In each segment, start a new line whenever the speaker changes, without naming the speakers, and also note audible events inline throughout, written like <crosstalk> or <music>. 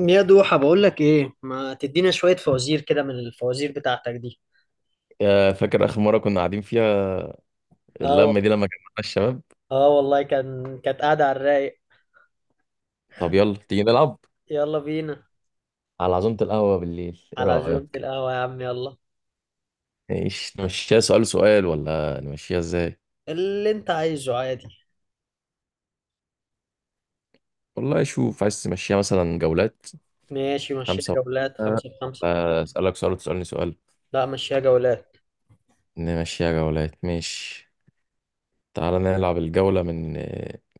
يا دوحة بقول لك ايه؟ ما تدينا شوية فوازير كده من الفوازير بتاعتك دي.
يا فاكر آخر مرة كنا قاعدين فيها،
اه.
اللمة دي لما جمعنا الشباب.
اه والله كانت قاعدة على الرايق.
طب يلا تيجي نلعب
يلا بينا.
على عزومة القهوة بالليل، ايه
على عزومة
رأيك؟
القهوة يا عم يلا.
ايش نمشيها سؤال سؤال ولا نمشيها ازاي؟
اللي انت عايزه عادي.
والله شوف، عايز تمشيها مثلا جولات
ماشي مشيها
خمسة،
جولات خمسة بخمسة.
ولا أسألك سؤال وتسألني سؤال؟
لا مشيها جولات.
نمشيها جولات، ماشي. تعالى نلعب الجولة من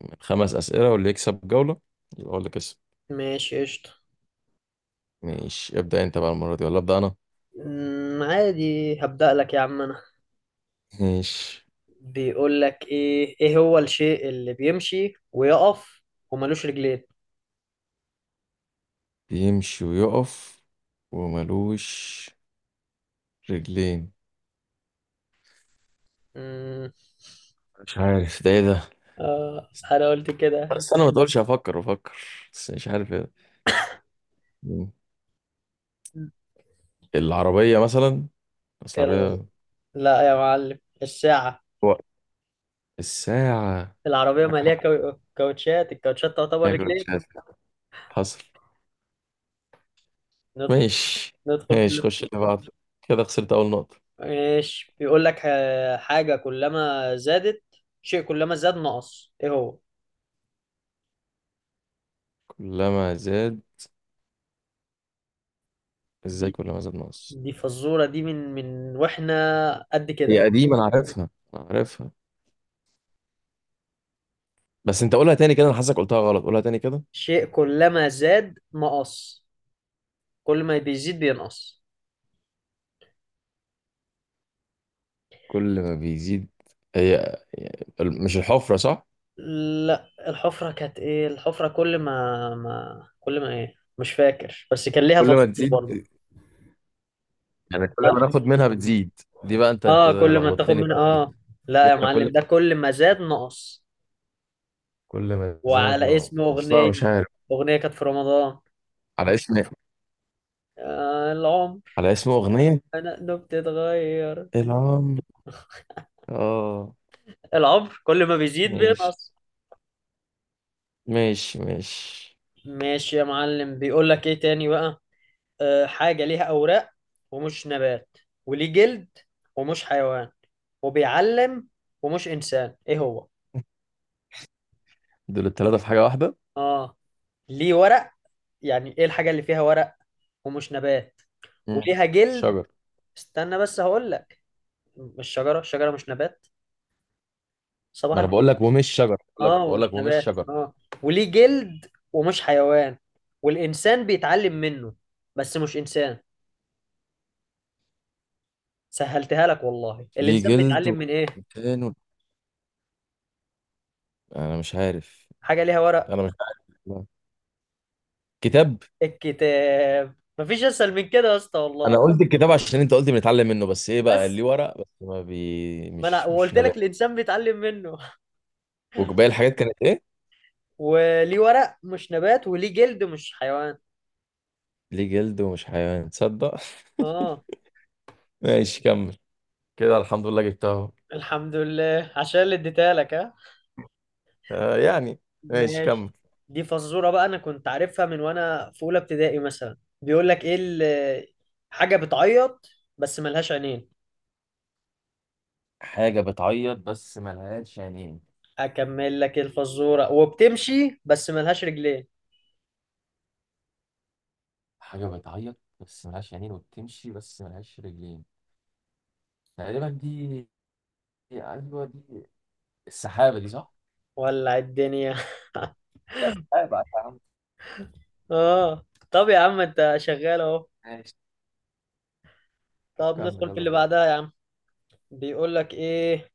من خمس أسئلة، واللي يكسب جولة يبقى هو اللي كسب.
ماشي قشطة.
ماشي، ابدأ انت بقى المرة دي ولا أبدأ أنا؟
عادي هبدأ لك يا عم انا.
ماشي.
بيقول لك ايه، ايه هو الشيء اللي بيمشي ويقف وملوش رجلين؟
بيمشي ويقف وملوش رجلين.
أمم.
مش عارف ده، ايه ده؟
اه انا قلت كده.
بس انا ما تقولش، افكر افكر، بس مش عارف ايه ده. مم. العربية مثلا، بس
يلا.
العربية.
لا يا معلم الساعة.
وقت. الساعة.
العربية
معاك
مالية
حق.
كاو- كاوتشات الكاوتشات تعتبر
تاكل،
رجلين.
مش عارف. حصل.
ندخل
ماشي
ندخل في
ماشي،
اللف.
خش اللي بعده. كده خسرت أول نقطة.
ماشي. بيقول لك حاجة كلما زادت، شيء كلما زاد نقص، ايه هو؟
كلما زاد، ازاي
دي
كلما زاد ناقص؟
دي فزورة دي من واحنا قد كده.
هي قديمة، أنا عارفها أنا عارفها، بس أنت قولها تاني كده. أنا حاسسك قلتها غلط، قولها تاني كده.
شيء كلما زاد نقص، كل ما بيزيد بينقص.
كل ما بيزيد، هي هي مش الحفرة صح؟
لا الحفرة كانت ايه؟ الحفرة كل ما ايه، مش فاكر، بس كان ليها
كل
فزورة
ما تزيد،
برضه.
يعني كل ما ناخد منها بتزيد. دي بقى انت
اه كل ما تاخد
لخبطتني
منها
بقى دي.
اه.
دي
لا يا
احنا كل
معلم، ده كل ما زاد نقص.
كل ما زاد
وعلى اسم
نقص، لا
اغنيه،
مش عارف.
اغنيه كانت في رمضان.
على اسم
العمر.
على اسم اغنيه.
انه بتتغير.
العمر. اه.
العمر كل ما بيزيد
ماشي
بينقص.
ماشي ماشي.
ماشي يا معلم. بيقول لك ايه تاني بقى؟ حاجه ليها اوراق ومش نبات، وليه جلد ومش حيوان، وبيعلم ومش انسان، ايه هو؟
دول التلاته في حاجه واحده.
اه ليه ورق، يعني ايه الحاجه اللي فيها ورق ومش نبات
مم.
وليها جلد؟
شجر.
استنى بس هقول لك. مش شجره، الشجره مش نبات. صباح
ما انا بقول
الفل.
لك ومش شجر، بقول لك
اه
بقول
ومش
لك ومش
نبات
شجر.
اه. وليه جلد ومش حيوان، والانسان بيتعلم منه، بس مش انسان. سهلتها لك والله،
ليه
الانسان
جلد
بيتعلم من ايه؟
ومكان. انا مش عارف
حاجه ليها ورق.
انا مش عارف. لا. كتاب.
الكتاب، مفيش اسهل من كده يا اسطى والله.
انا قلت الكتاب عشان انت قلت بنتعلم منه، بس ايه بقى اللي
بس
ورق بس ما بي
ما انا
مش
وقلت لك
نبات؟
الانسان بيتعلم منه،
وباقي الحاجات كانت ايه؟
وليه ورق مش نبات، وليه جلد مش حيوان.
ليه جلد ومش حيوان، تصدق؟ <laughs>
اه.
ماشي كمل. كده الحمد لله جبتها اهو.
الحمد لله عشان اللي اديتها لك ها.
آه يعني. ماشي كمل.
ماشي. دي فزورة بقى، أنا كنت عارفها من وأنا في أولى ابتدائي مثلا. بيقول لك إيه حاجة بتعيط بس ملهاش عينين.
حاجة بتعيط بس ملهاش عينين.
أكمل لك الفزورة، وبتمشي بس ملهاش رجلين.
حاجة بتعيط بس ملهاش عينين، وبتمشي بس ملهاش رجلين. تقريبا دي، أيوة دي، السحابة دي صح؟
ولع الدنيا. <laughs>
لا السحابة يا عم.
آه. طب يا عم أنت شغال أهو.
ماشي. طب
طب
كمل
ندخل في
يلا
اللي
بينا.
بعدها يا عم. بيقول لك إيه؟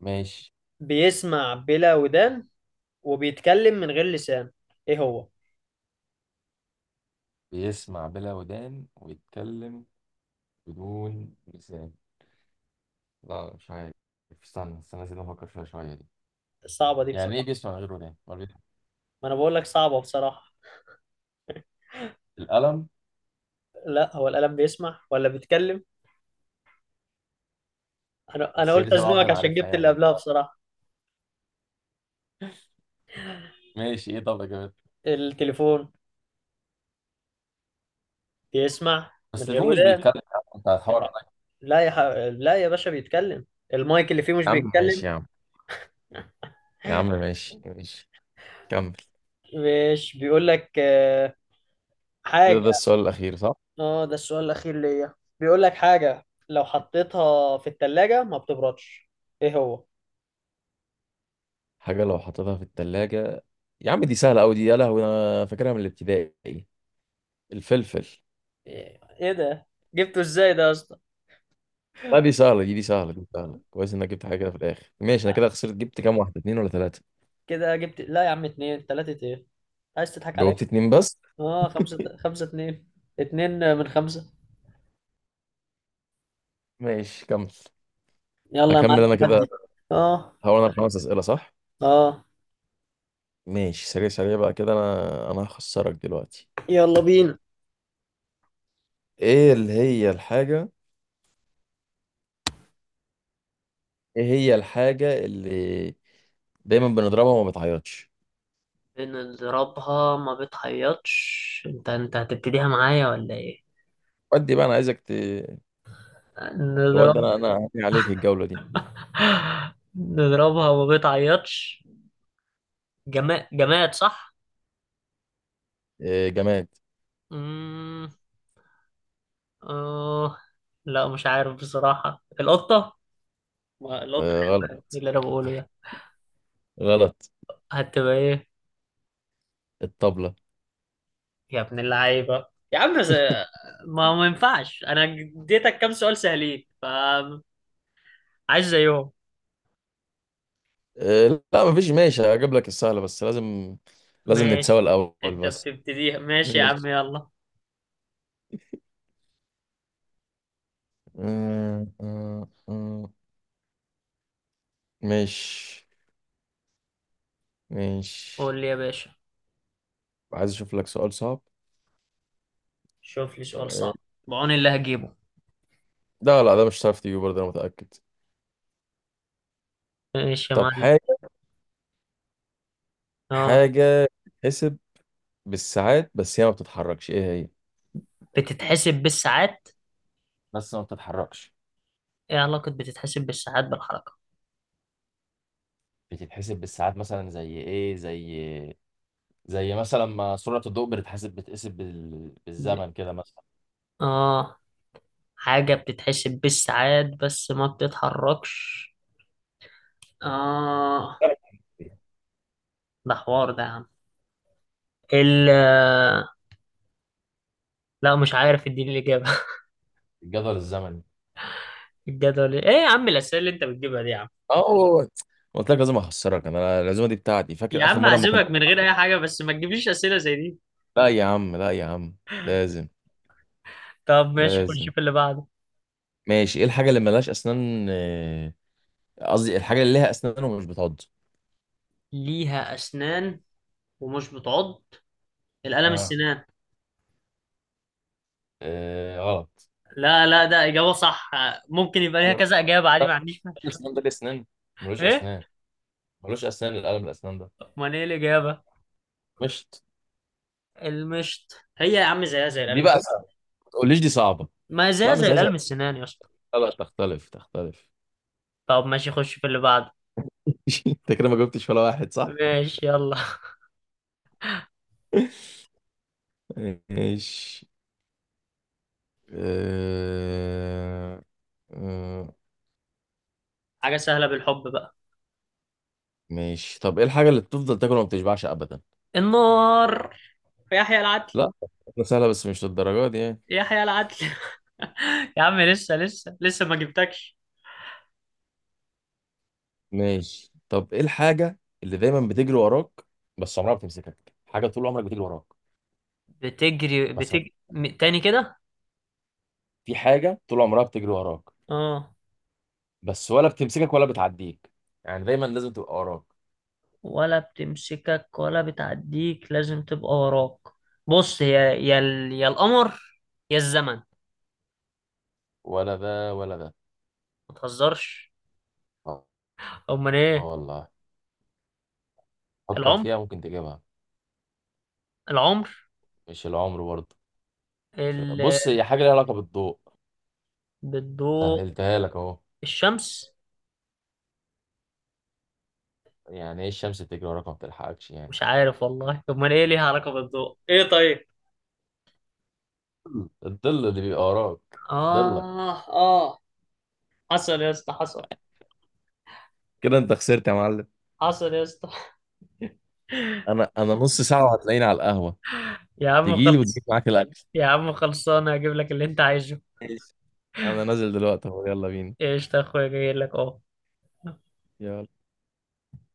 ماشي.
بيسمع بلا ودان، وبيتكلم من غير لسان، إيه هو؟
بيسمع بلا ودان ويتكلم بدون لسان. لا مش عارف. استنى استنى، لازم أفكر فيها شوية دي.
صعبة دي
يعني إيه
بصراحة.
بيسمع من غير ودان؟ ما بي-
ما أنا بقول لك صعبة بصراحة.
القلم.
لا هو القلم بيسمع ولا بيتكلم؟ انا
بس هي دي
قلت
شبه واحدة
ازنقك
أنا
عشان
عارفها،
جبت اللي
يعني اللي
قبلها
هو.
بصراحه.
ماشي، إيه طب يا جماعة؟
التليفون بيسمع
بس
من غير
التليفون مش
ودان.
بيتكلم يا عم، أنت هتحاور عليا.
لا يا ح... لا يا باشا بيتكلم، المايك اللي فيه مش
يا عم
بيتكلم؟
ماشي يا عم. يا عم ماشي ماشي. كمل.
مش بيقول لك
كده
حاجه.
ده السؤال الأخير صح؟
اه ده السؤال الاخير ليا. بيقول لك حاجه لو حطيتها في التلاجة ما بتبردش، ايه هو؟
حاجة لو حطيتها في التلاجة. يا عم دي سهلة أوي دي، يا لهوي أنا فاكرها من الابتدائي. الفلفل.
إيه ده، جبته ازاي ده يا اسطى؟
لا دي سهلة، دي سهلة، دي سهلة. كويس إنك جبت حاجة كده في الآخر. ماشي أنا كده خسرت، جبت كام واحدة، اتنين ولا تلاتة؟
كده جبت، لا يا عم، اتنين تلاتة ايه، عايز تضحك عليا؟
جاوبت اتنين بس.
اه خمسة، خمسة اتنين، اتنين من خمسة.
ماشي كمل.
يلا يا
هكمل أنا
معلم
كده.
ودي. اه
هو أنا الخمس أسئلة صح؟
اه.
ماشي سريع سريع بقى كده، أنا هخسرك دلوقتي.
يلا بينا.
ايه اللي هي الحاجة، ايه هي الحاجة اللي دايما بنضربها وما بتعيطش؟
بنضربها ما بتعيطش، انت هتبتديها معايا ولا ايه؟
ودي بقى انا عايزك تودي
نضرب.
انا هعمل عليك الجولة دي.
<laughs> نضربها ما بتعيطش. جماد، جماد صح.
إيه جماد.
امم اه. لا مش عارف بصراحة، القطة، ما القطة
إيه
حيوان. ايه
غلط.
اللي انا بقوله ده.
غلط.
هتبقى ايه؟
الطبلة.
يا ابن اللعيبة يا عم، ما ينفعش، انا اديتك كام سؤال سهلين فعايز زيهم.
إيه لا مفيش، ماشي هجيب لك السهلة، بس لازم، لازم نتساوى
ماشي.
الأول
انت
بس.
بتبتديها، ماشي يا عم
ماشي.
يلا.
آه، آه، آه. ماشي ماشي.
قول لي يا باشا.
عايز اشوف لك سؤال صعب.
شوف لي سؤال
سؤال.
صعب. بعون اللي هجيبه.
لا لا، ده مش هتعرف تجيبه برضه، انا متأكد.
ماشي يا
طب
معلم.
حاجة،
اه.
حاجة تتحسب بالساعات بس هي ما بتتحركش، ايه هي؟
بتتحسب بالساعات،
بس ما بتتحركش.
ايه علاقة بتتحسب بالساعات بالحركة؟
بتتحسب بالساعات، مثلا زي ايه؟ زي، زي مثلا ما سرعة الضوء بتتحسب
ب...
بالزمن كده مثلا.
اه، حاجة بتتحسب بالساعات بس ما بتتحركش، اه، ده حوار ده يا عم. ال آه، لا مش عارف، اديني الإجابة.
الجدول الزمني.
<laughs> الجدول، إيه يا عم الأسئلة اللي انت بتجيبها دي يا عم.
اه. قلت لك لازم اخسرك، انا العزومه دي بتاعتي،
يا
فاكر اخر
عم
مره ما كنا.
هعزمك من غير أي حاجة، بس ما تجيبليش أسئلة زي دي.
لا يا عم لا يا عم. لازم.
طب ماشي، خش
لازم.
في اللي بعده.
ماشي، ايه الحاجه اللي ملهاش اسنان، قصدي الحاجه اللي ليها اسنان ومش بتعض؟
ليها أسنان ومش بتعض، القلم
اه.
السنان.
آه، غلط.
لا لا، ده إجابة صح، ممكن يبقى ليها
يا
كذا إجابة عادي، ما
بقى.
عنديش.
الاسنان ده ليه اسنان؟ ملوش
إيه؟
اسنان. ملوش اسنان، القلم الاسنان ده.
أمال إيه الإجابة؟
مشت.
المشط، هي يا عم زيها زي
دي بقى
الألمس.
صعبة. ما تقوليش دي صعبه.
ما هي زيها
لا مش
زي
زي.
الألمس، سنان يا اسطى.
لا لا، تختلف تختلف.
طب ماشي، خش في اللي بعده.
<laughs> انت كده ما جبتش ولا واحد صح.
ماشي يلا.
ماشي. آه، آه،
<laughs> حاجة سهلة بالحب بقى.
ماشي، طب ايه الحاجه اللي بتفضل تاكل وما بتشبعش ابدا؟
النار. يحيى العدل.
لا ده سهله بس مش للدرجه دي يعني.
يحيى العدل. <laughs> يا عم لسه لسه لسه ما جبتكش.
ماشي طب ايه الحاجه اللي دايما بتجري وراك بس عمرها ما بتمسكك؟ حاجه طول عمرك بتجري وراك.
بتجري
بس ما-
بتجري تاني كده.
في حاجه طول عمرها بتجري وراك،
اه.
بس ولا بتمسكك ولا بتعديك، يعني دايما لازم تبقى وراك.
ولا بتمسكك ولا بتعديك، لازم تبقى وراك. بص هي يا يا القمر، يا الزمن.
ولا ده ولا ده.
ما تهزرش.
اه.
امال
آه
ايه؟
والله، فكر
العمر،
فيها ممكن تجيبها.
العمر.
مش العمر برضه.
ال...
بص، هي حاجة ليها علاقة بالضوء،
بالضوء؟
سهلتها لك اهو.
الشمس.
يعني ايه الشمس بتجري وراك ما بتلحقكش يعني؟
مش عارف والله، امال ايه، ليها علاقة بالضوء ايه طيب.
الظل اللي بيبقى وراك. ضلك.
اه اه. حصل يا اسطى حصل.
كده انت خسرت يا معلم.
حصل يا اسطى. <laughs>
انا نص ساعة وهتلاقيني على القهوة،
يا عم
تجيلي وتجيب
خلص.
معاك الاكل.
يا عم خلصانه، هجيب لك اللي انت عايزه.
ماشي. انا نازل دلوقتي اهو، يلا بينا.
ايش يا اخويا، جاي لك اهو.
يلا.